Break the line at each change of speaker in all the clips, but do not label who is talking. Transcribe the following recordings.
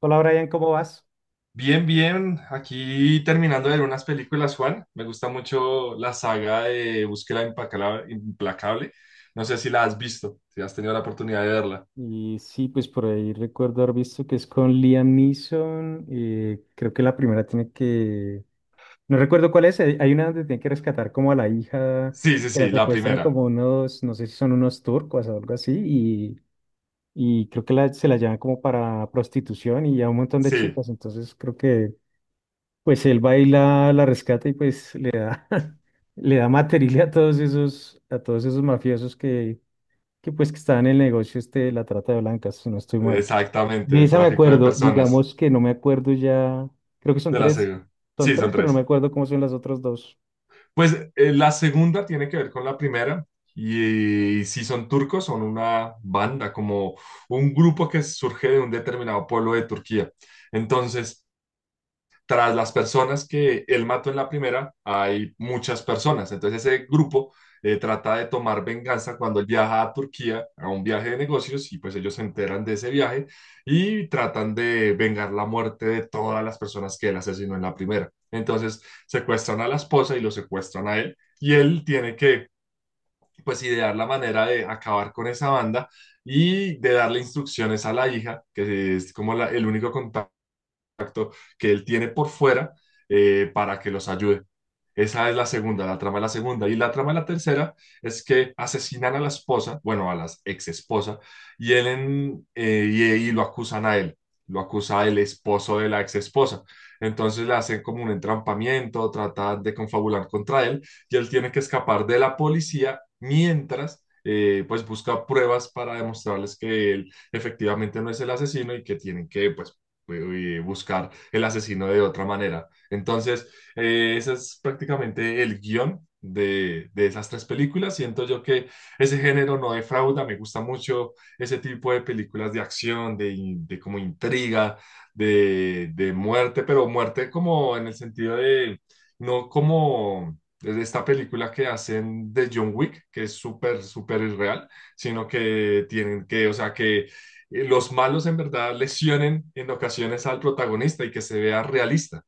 Hola Brian, ¿cómo vas?
Bien, bien. Aquí terminando de ver unas películas, Juan. Me gusta mucho la saga de Búsqueda Implacable. No sé si la has visto, si has tenido la oportunidad de verla.
Y sí, pues por ahí recuerdo haber visto que es con Liam Neeson. Creo que la primera tiene No recuerdo cuál es. Hay una donde tiene que rescatar como a la hija,
Sí, sí,
que la
sí, la
secuestran
primera.
como unos, no sé si son unos turcos o algo así, y creo que se la llevan como para prostitución y a un montón de
Sí,
chicas. Entonces creo que pues él va y la rescata y pues le da, le da material a todos esos mafiosos que pues que estaba en el negocio este de la trata de blancas, si no estoy mal.
exactamente,
De
el
esa me
tráfico de
acuerdo,
personas.
digamos que no me acuerdo ya, creo que
De la segunda.
son
Sí, son
tres, pero no me
tres.
acuerdo cómo son las otras dos.
Pues la segunda tiene que ver con la primera. Y si son turcos, son una banda, como un grupo que surge de un determinado pueblo de Turquía. Entonces, tras las personas que él mató en la primera, hay muchas personas. Entonces ese grupo trata de tomar venganza cuando él viaja a Turquía a un viaje de negocios y pues ellos se enteran de ese viaje y tratan de vengar la muerte de todas las personas que él asesinó en la primera. Entonces secuestran a la esposa y lo secuestran a él y él tiene que pues idear la manera de acabar con esa banda y de darle instrucciones a la hija, que es como la, el único contacto que él tiene por fuera, para que los ayude. Esa es la segunda, la trama de la segunda. Y la trama de la tercera es que asesinan a la esposa, bueno, a la ex esposa, y y lo acusan a él, lo acusa el esposo de la ex esposa. Entonces le hacen como un entrampamiento, tratan de confabular contra él, y él tiene que escapar de la policía mientras, pues, busca pruebas para demostrarles que él efectivamente no es el asesino y que tienen que, pues, y buscar el asesino de otra manera. Entonces, ese es prácticamente el guión de esas tres películas. Siento yo que ese género no defrauda, me gusta mucho ese tipo de películas de acción, de, de como intriga, de muerte, pero muerte como en el sentido de, no como de esta película que hacen de John Wick, que es súper, súper irreal, sino que tienen que, o sea, que los malos en verdad lesionen en ocasiones al protagonista y que se vea realista.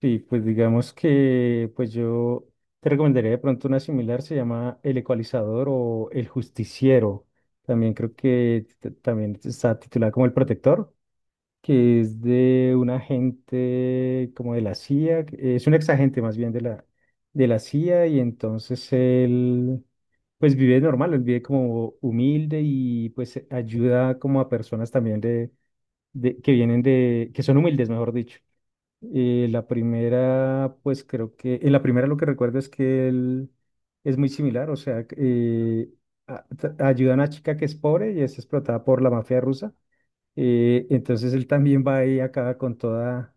Sí, pues digamos que pues yo te recomendaría de pronto una similar, se llama El Ecualizador o El Justiciero. También creo que también está titulada como El Protector, que es de un agente como de la CIA, es un exagente más bien de la CIA y entonces él pues vive normal, él vive como humilde y pues ayuda como a personas también de que vienen de, que son humildes, mejor dicho. La primera, pues creo que, en la primera lo que recuerdo es que él es muy similar, o sea, ayuda a una chica que es pobre y es explotada por la mafia rusa. Entonces él también va ahí acaba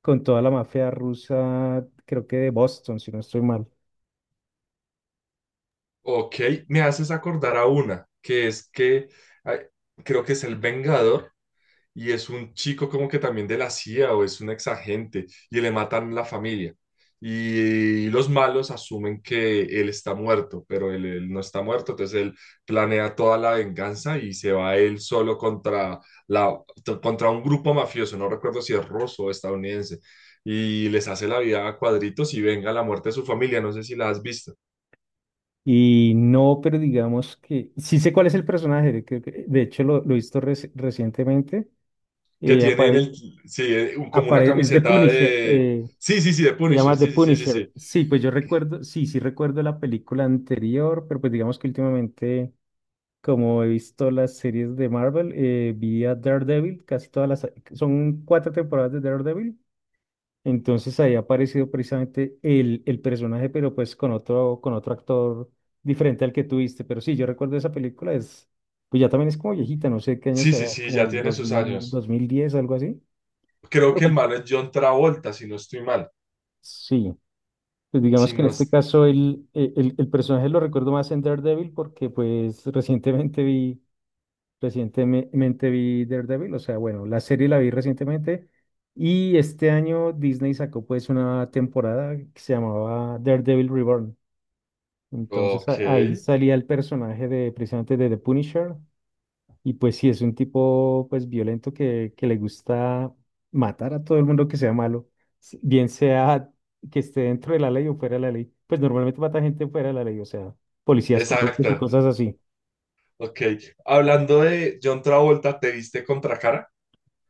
con toda la mafia rusa, creo que de Boston, si no estoy mal.
Ok, me haces acordar a una, que es que ay, creo que es el Vengador, y es un chico como que también de la CIA o es un exagente y le matan la familia. Y los malos asumen que él está muerto, pero él no está muerto, entonces él planea toda la venganza y se va él solo contra, la, contra un grupo mafioso, no recuerdo si es ruso o estadounidense, y les hace la vida a cuadritos y venga la muerte de su familia, no sé si la has visto,
Y no, pero digamos que sí sé cuál es el personaje, creo de hecho lo he visto recientemente.
que
eh,
tiene en
apare-
el, sí, como una
es The
camiseta
Punisher,
de, sí, sí, sí, de
se
Punisher,
llama The
sí, sí, sí, sí,
Punisher.
sí.
Sí, pues yo recuerdo, sí, sí recuerdo la película anterior, pero pues digamos que últimamente, como he visto las series de Marvel, vi a Daredevil, casi todas son cuatro temporadas de Daredevil. Entonces ahí ha aparecido precisamente el personaje, pero pues con otro actor diferente al que tuviste. Pero sí, yo recuerdo esa película, es, pues ya también es como viejita, no sé qué año
Sí,
será,
sí, sí,
como
ya
el
tiene
dos dos
sus
mil
años.
dos mil diez algo así.
Creo
Pero
que el
pues,
malo es John Travolta, si no estoy mal.
sí, pues
Si
digamos que en
no...
este
es-
caso el personaje lo recuerdo más en Daredevil porque pues recientemente vi Daredevil, o sea, bueno, la serie la vi recientemente y este año Disney sacó pues una temporada que se llamaba Daredevil Reborn. Entonces
Ok,
ahí salía el personaje de precisamente de The Punisher y pues sí, es un tipo pues violento que le gusta matar a todo el mundo que sea malo, bien sea que esté dentro de la ley o fuera de la ley. Pues normalmente mata gente fuera de la ley, o sea, policías corruptos y
exacto.
cosas así.
Ok. Hablando de John Travolta, ¿te viste Contracara?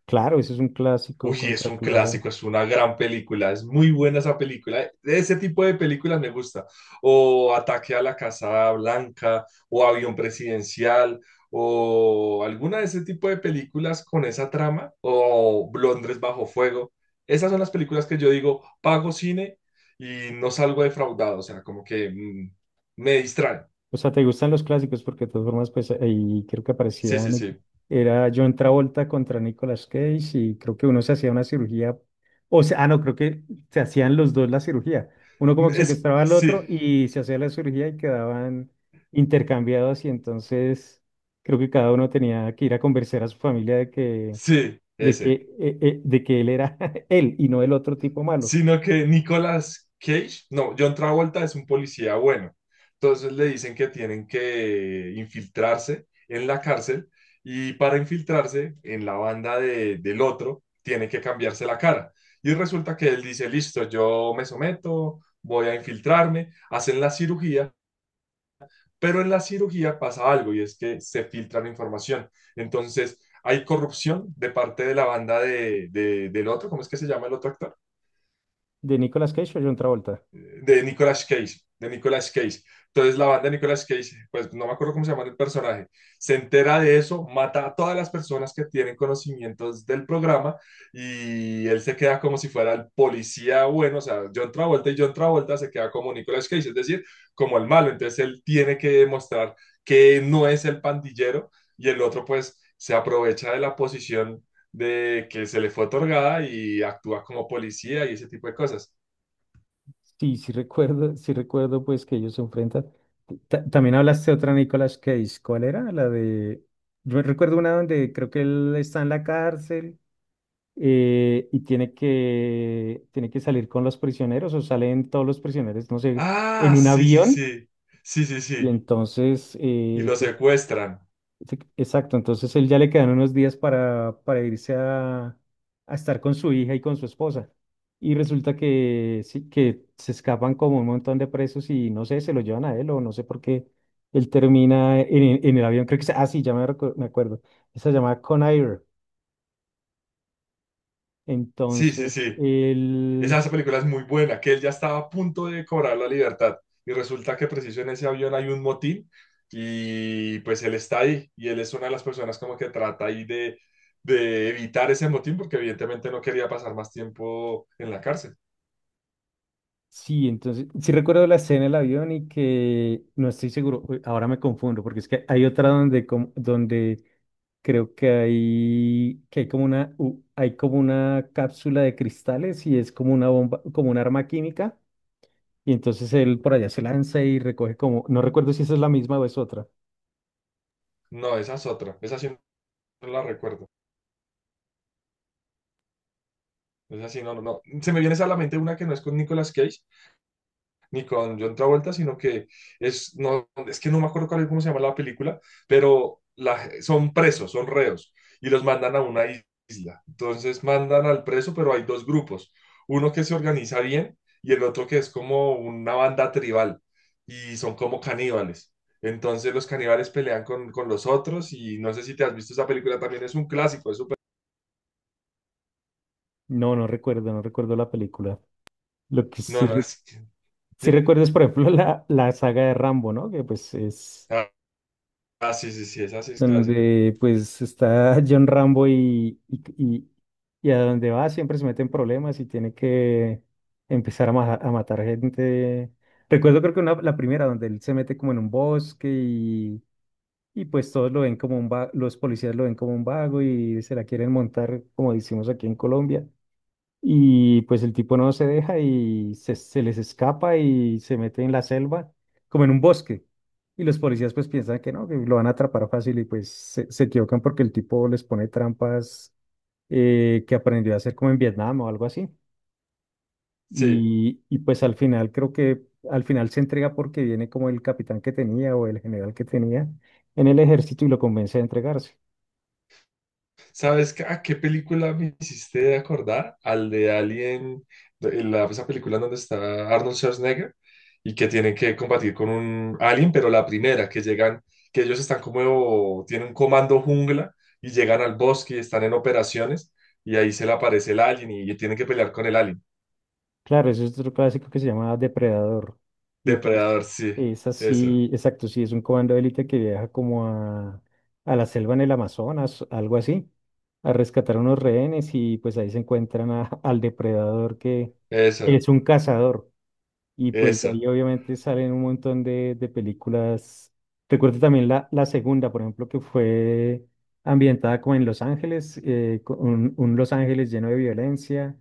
Claro, eso es un clásico
Uy, es
contra
un
Clara.
clásico, es una gran película, es muy buena esa película. Ese tipo de películas me gusta. O Ataque a la Casa Blanca, o Avión Presidencial, o alguna de ese tipo de películas con esa trama, o Londres bajo fuego. Esas son las películas que yo digo, pago cine y no salgo defraudado, o sea, como que me distraen.
O sea, ¿te gustan los clásicos? Porque de todas formas, pues ahí creo que
Sí,
aparecía,
sí, sí.
Era John Travolta contra Nicolas Cage y creo que uno se hacía una cirugía, o sea, ah, no, creo que se hacían los dos la cirugía. Uno como que
Es,
secuestraba al otro
sí,
y se hacía la cirugía y quedaban intercambiados y entonces creo que cada uno tenía que ir a convencer a su familia de
sí,
que,
ese.
de que él era él y no el otro tipo malo,
Sino que Nicolas Cage, no, John Travolta es un policía bueno. Entonces le dicen que tienen que infiltrarse en la cárcel y para infiltrarse en la del otro tiene que cambiarse la cara. Y resulta que él dice, listo, yo me someto, voy a infiltrarme, hacen la cirugía, pero en la cirugía pasa algo y es que se filtra la información. Entonces hay corrupción de parte de la del otro, ¿cómo es que se llama el otro actor?
de Nicolas Cage o John Travolta.
De Nicolas Cage, de Nicolas Cage. Entonces la banda de Nicolas Cage, pues no me acuerdo cómo se llama el personaje, se entera de eso, mata a todas las personas que tienen conocimientos del programa y él se queda como si fuera el policía bueno, o sea, John Travolta y John Travolta se queda como Nicolas Cage, es decir, como el malo. Entonces él tiene que demostrar que no es el pandillero y el otro pues se aprovecha de la posición de que se le fue otorgada y actúa como policía y ese tipo de cosas.
Sí, sí recuerdo pues que ellos se enfrentan. También hablaste de otra Nicolas Cage, ¿cuál era? La de, yo recuerdo una donde creo que él está en la cárcel y tiene tiene que salir con los prisioneros o salen todos los prisioneros, no sé,
Ah,
en un
sí, sí,
avión
sí. Sí, sí,
y
sí.
entonces
Y lo secuestran.
exacto, entonces él ya le quedan unos días para irse a estar con su hija y con su esposa. Y resulta que, sí, que se escapan como un montón de presos y no sé, se lo llevan a él o no sé por qué. Él termina en el avión, creo que sí, ya me, me acuerdo. Esa se llama Conair.
Sí, sí,
Entonces,
sí. Esa,
él,
esa película es muy buena, que él ya estaba a punto de cobrar la libertad. Y resulta que preciso en ese avión hay un motín y pues él está ahí y él es una de las personas como que trata ahí de evitar ese motín porque evidentemente no quería pasar más tiempo en la cárcel.
sí, entonces, sí recuerdo la escena del avión y que no estoy seguro, uy, ahora me confundo, porque es que hay otra donde, donde creo que hay como una, hay como una cápsula de cristales y es como una bomba, como un arma química, y entonces él por allá se lanza y recoge como, no recuerdo si esa es la misma o es otra.
No, esa es otra. Esa sí no la recuerdo. Esa sí no, no, no. Se me viene esa a la mente una que no es con Nicolas Cage, ni con John Travolta, sino que es, no, es que no me acuerdo cuál, es, cómo se llama la película, pero son presos, son reos, y los mandan a una isla. Entonces mandan al preso, pero hay dos grupos, uno que se organiza bien y el otro que es como una banda tribal, y son como caníbales. Entonces los caníbales pelean con los otros y no sé si te has visto esa película, también es un clásico, es súper...
No, no recuerdo, no recuerdo la película. Lo que
No,
sí,
no, es-
sí
dime.
recuerdo es, por ejemplo, la saga de Rambo, ¿no? Que pues
Ah, ah, sí, sí, sí, esa sí es clásica.
donde pues está John Rambo y a donde va siempre se meten problemas y tiene que empezar a matar gente. Recuerdo creo que una, la primera donde él se mete como en un bosque y pues todos lo ven como un los policías lo ven como un vago y se la quieren montar como decimos aquí en Colombia. Y pues el tipo no se deja y se les escapa y se mete en la selva, como en un bosque. Y los policías pues piensan que no, que lo van a atrapar fácil y pues se equivocan porque el tipo les pone trampas que aprendió a hacer como en Vietnam o algo así.
Sí.
Y pues al final creo que al final se entrega porque viene como el capitán que tenía o el general que tenía en el ejército y lo convence a entregarse.
¿Sabes qué- a qué película me hiciste acordar? Al de Alien, de- la, esa película en donde está Arnold Schwarzenegger y que tienen que combatir con un alien, pero la primera, que llegan, que ellos están como, tienen un comando jungla y llegan al bosque y están en operaciones y ahí se le aparece el alien y tienen que pelear con el alien.
Claro, eso es otro clásico que se llama Depredador. Y pues
Depredador, sí,
es
esa,
así, exacto, sí, es un comando de élite que viaja como a la selva en el Amazonas, algo así, a rescatar unos rehenes y pues ahí se encuentran al depredador que
esa,
es un cazador. Y pues de
esa.
ahí obviamente salen un montón de películas. Recuerdo también la segunda, por ejemplo, que fue ambientada como en Los Ángeles, con un Los Ángeles lleno de violencia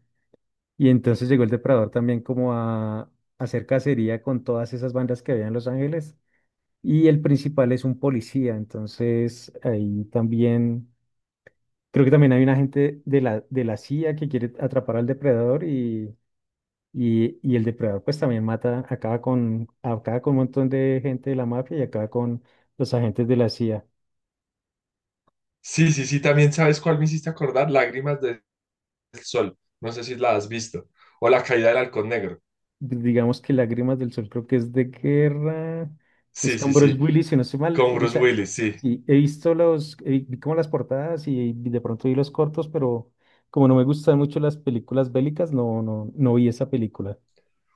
y entonces llegó el Depredador también como a hacer cacería con todas esas bandas que había en Los Ángeles. Y el principal es un policía, entonces ahí también, creo que también hay un agente de de la CIA que quiere atrapar al Depredador y el Depredador pues también mata, acaba con un montón de gente de la mafia y acaba con los agentes de la CIA.
Sí, sí, sí, también sabes cuál me hiciste acordar, Lágrimas del Sol. No sé si la has visto. O La Caída del Halcón Negro.
Digamos que Lágrimas del Sol creo que es de guerra.
Sí,
Es
sí,
con Bruce
sí,
Willis, si no estoy mal.
con Bruce
Esa,
Willis, sí.
sí, he visto los, vi como las portadas y de pronto vi los cortos, pero como no me gustan mucho las películas bélicas, no, no, no vi esa película.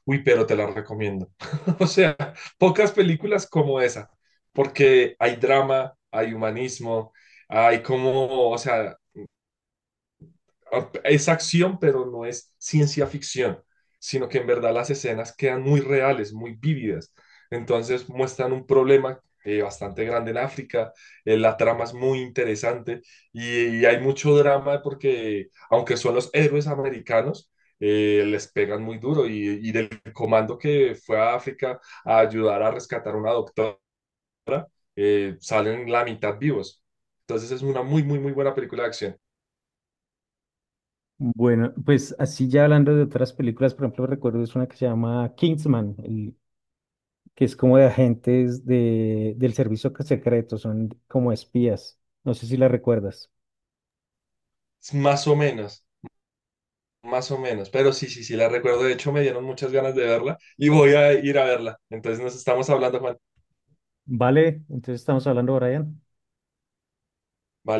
Uy, pero te la recomiendo. O sea, pocas películas como esa, porque hay drama, hay humanismo, hay como, o sea, es acción, pero no es ciencia ficción, sino que en verdad las escenas quedan muy reales, muy vívidas. Entonces muestran un problema, bastante grande en África, la trama es muy interesante y hay mucho drama porque aunque son los héroes americanos, les pegan muy duro y del comando que fue a África a ayudar a rescatar a una doctora, salen la mitad vivos. Entonces es una muy, muy, muy buena película de acción.
Bueno, pues así ya hablando de otras películas, por ejemplo, recuerdo es una que se llama Kingsman, que es como de agentes de, del servicio secreto, son como espías. No sé si la recuerdas.
Más o menos. Más o menos, pero sí, sí, sí, la recuerdo. De hecho, me dieron muchas ganas de verla y voy a ir a verla. Entonces nos estamos hablando, Juan.
Vale, entonces estamos hablando, Brian.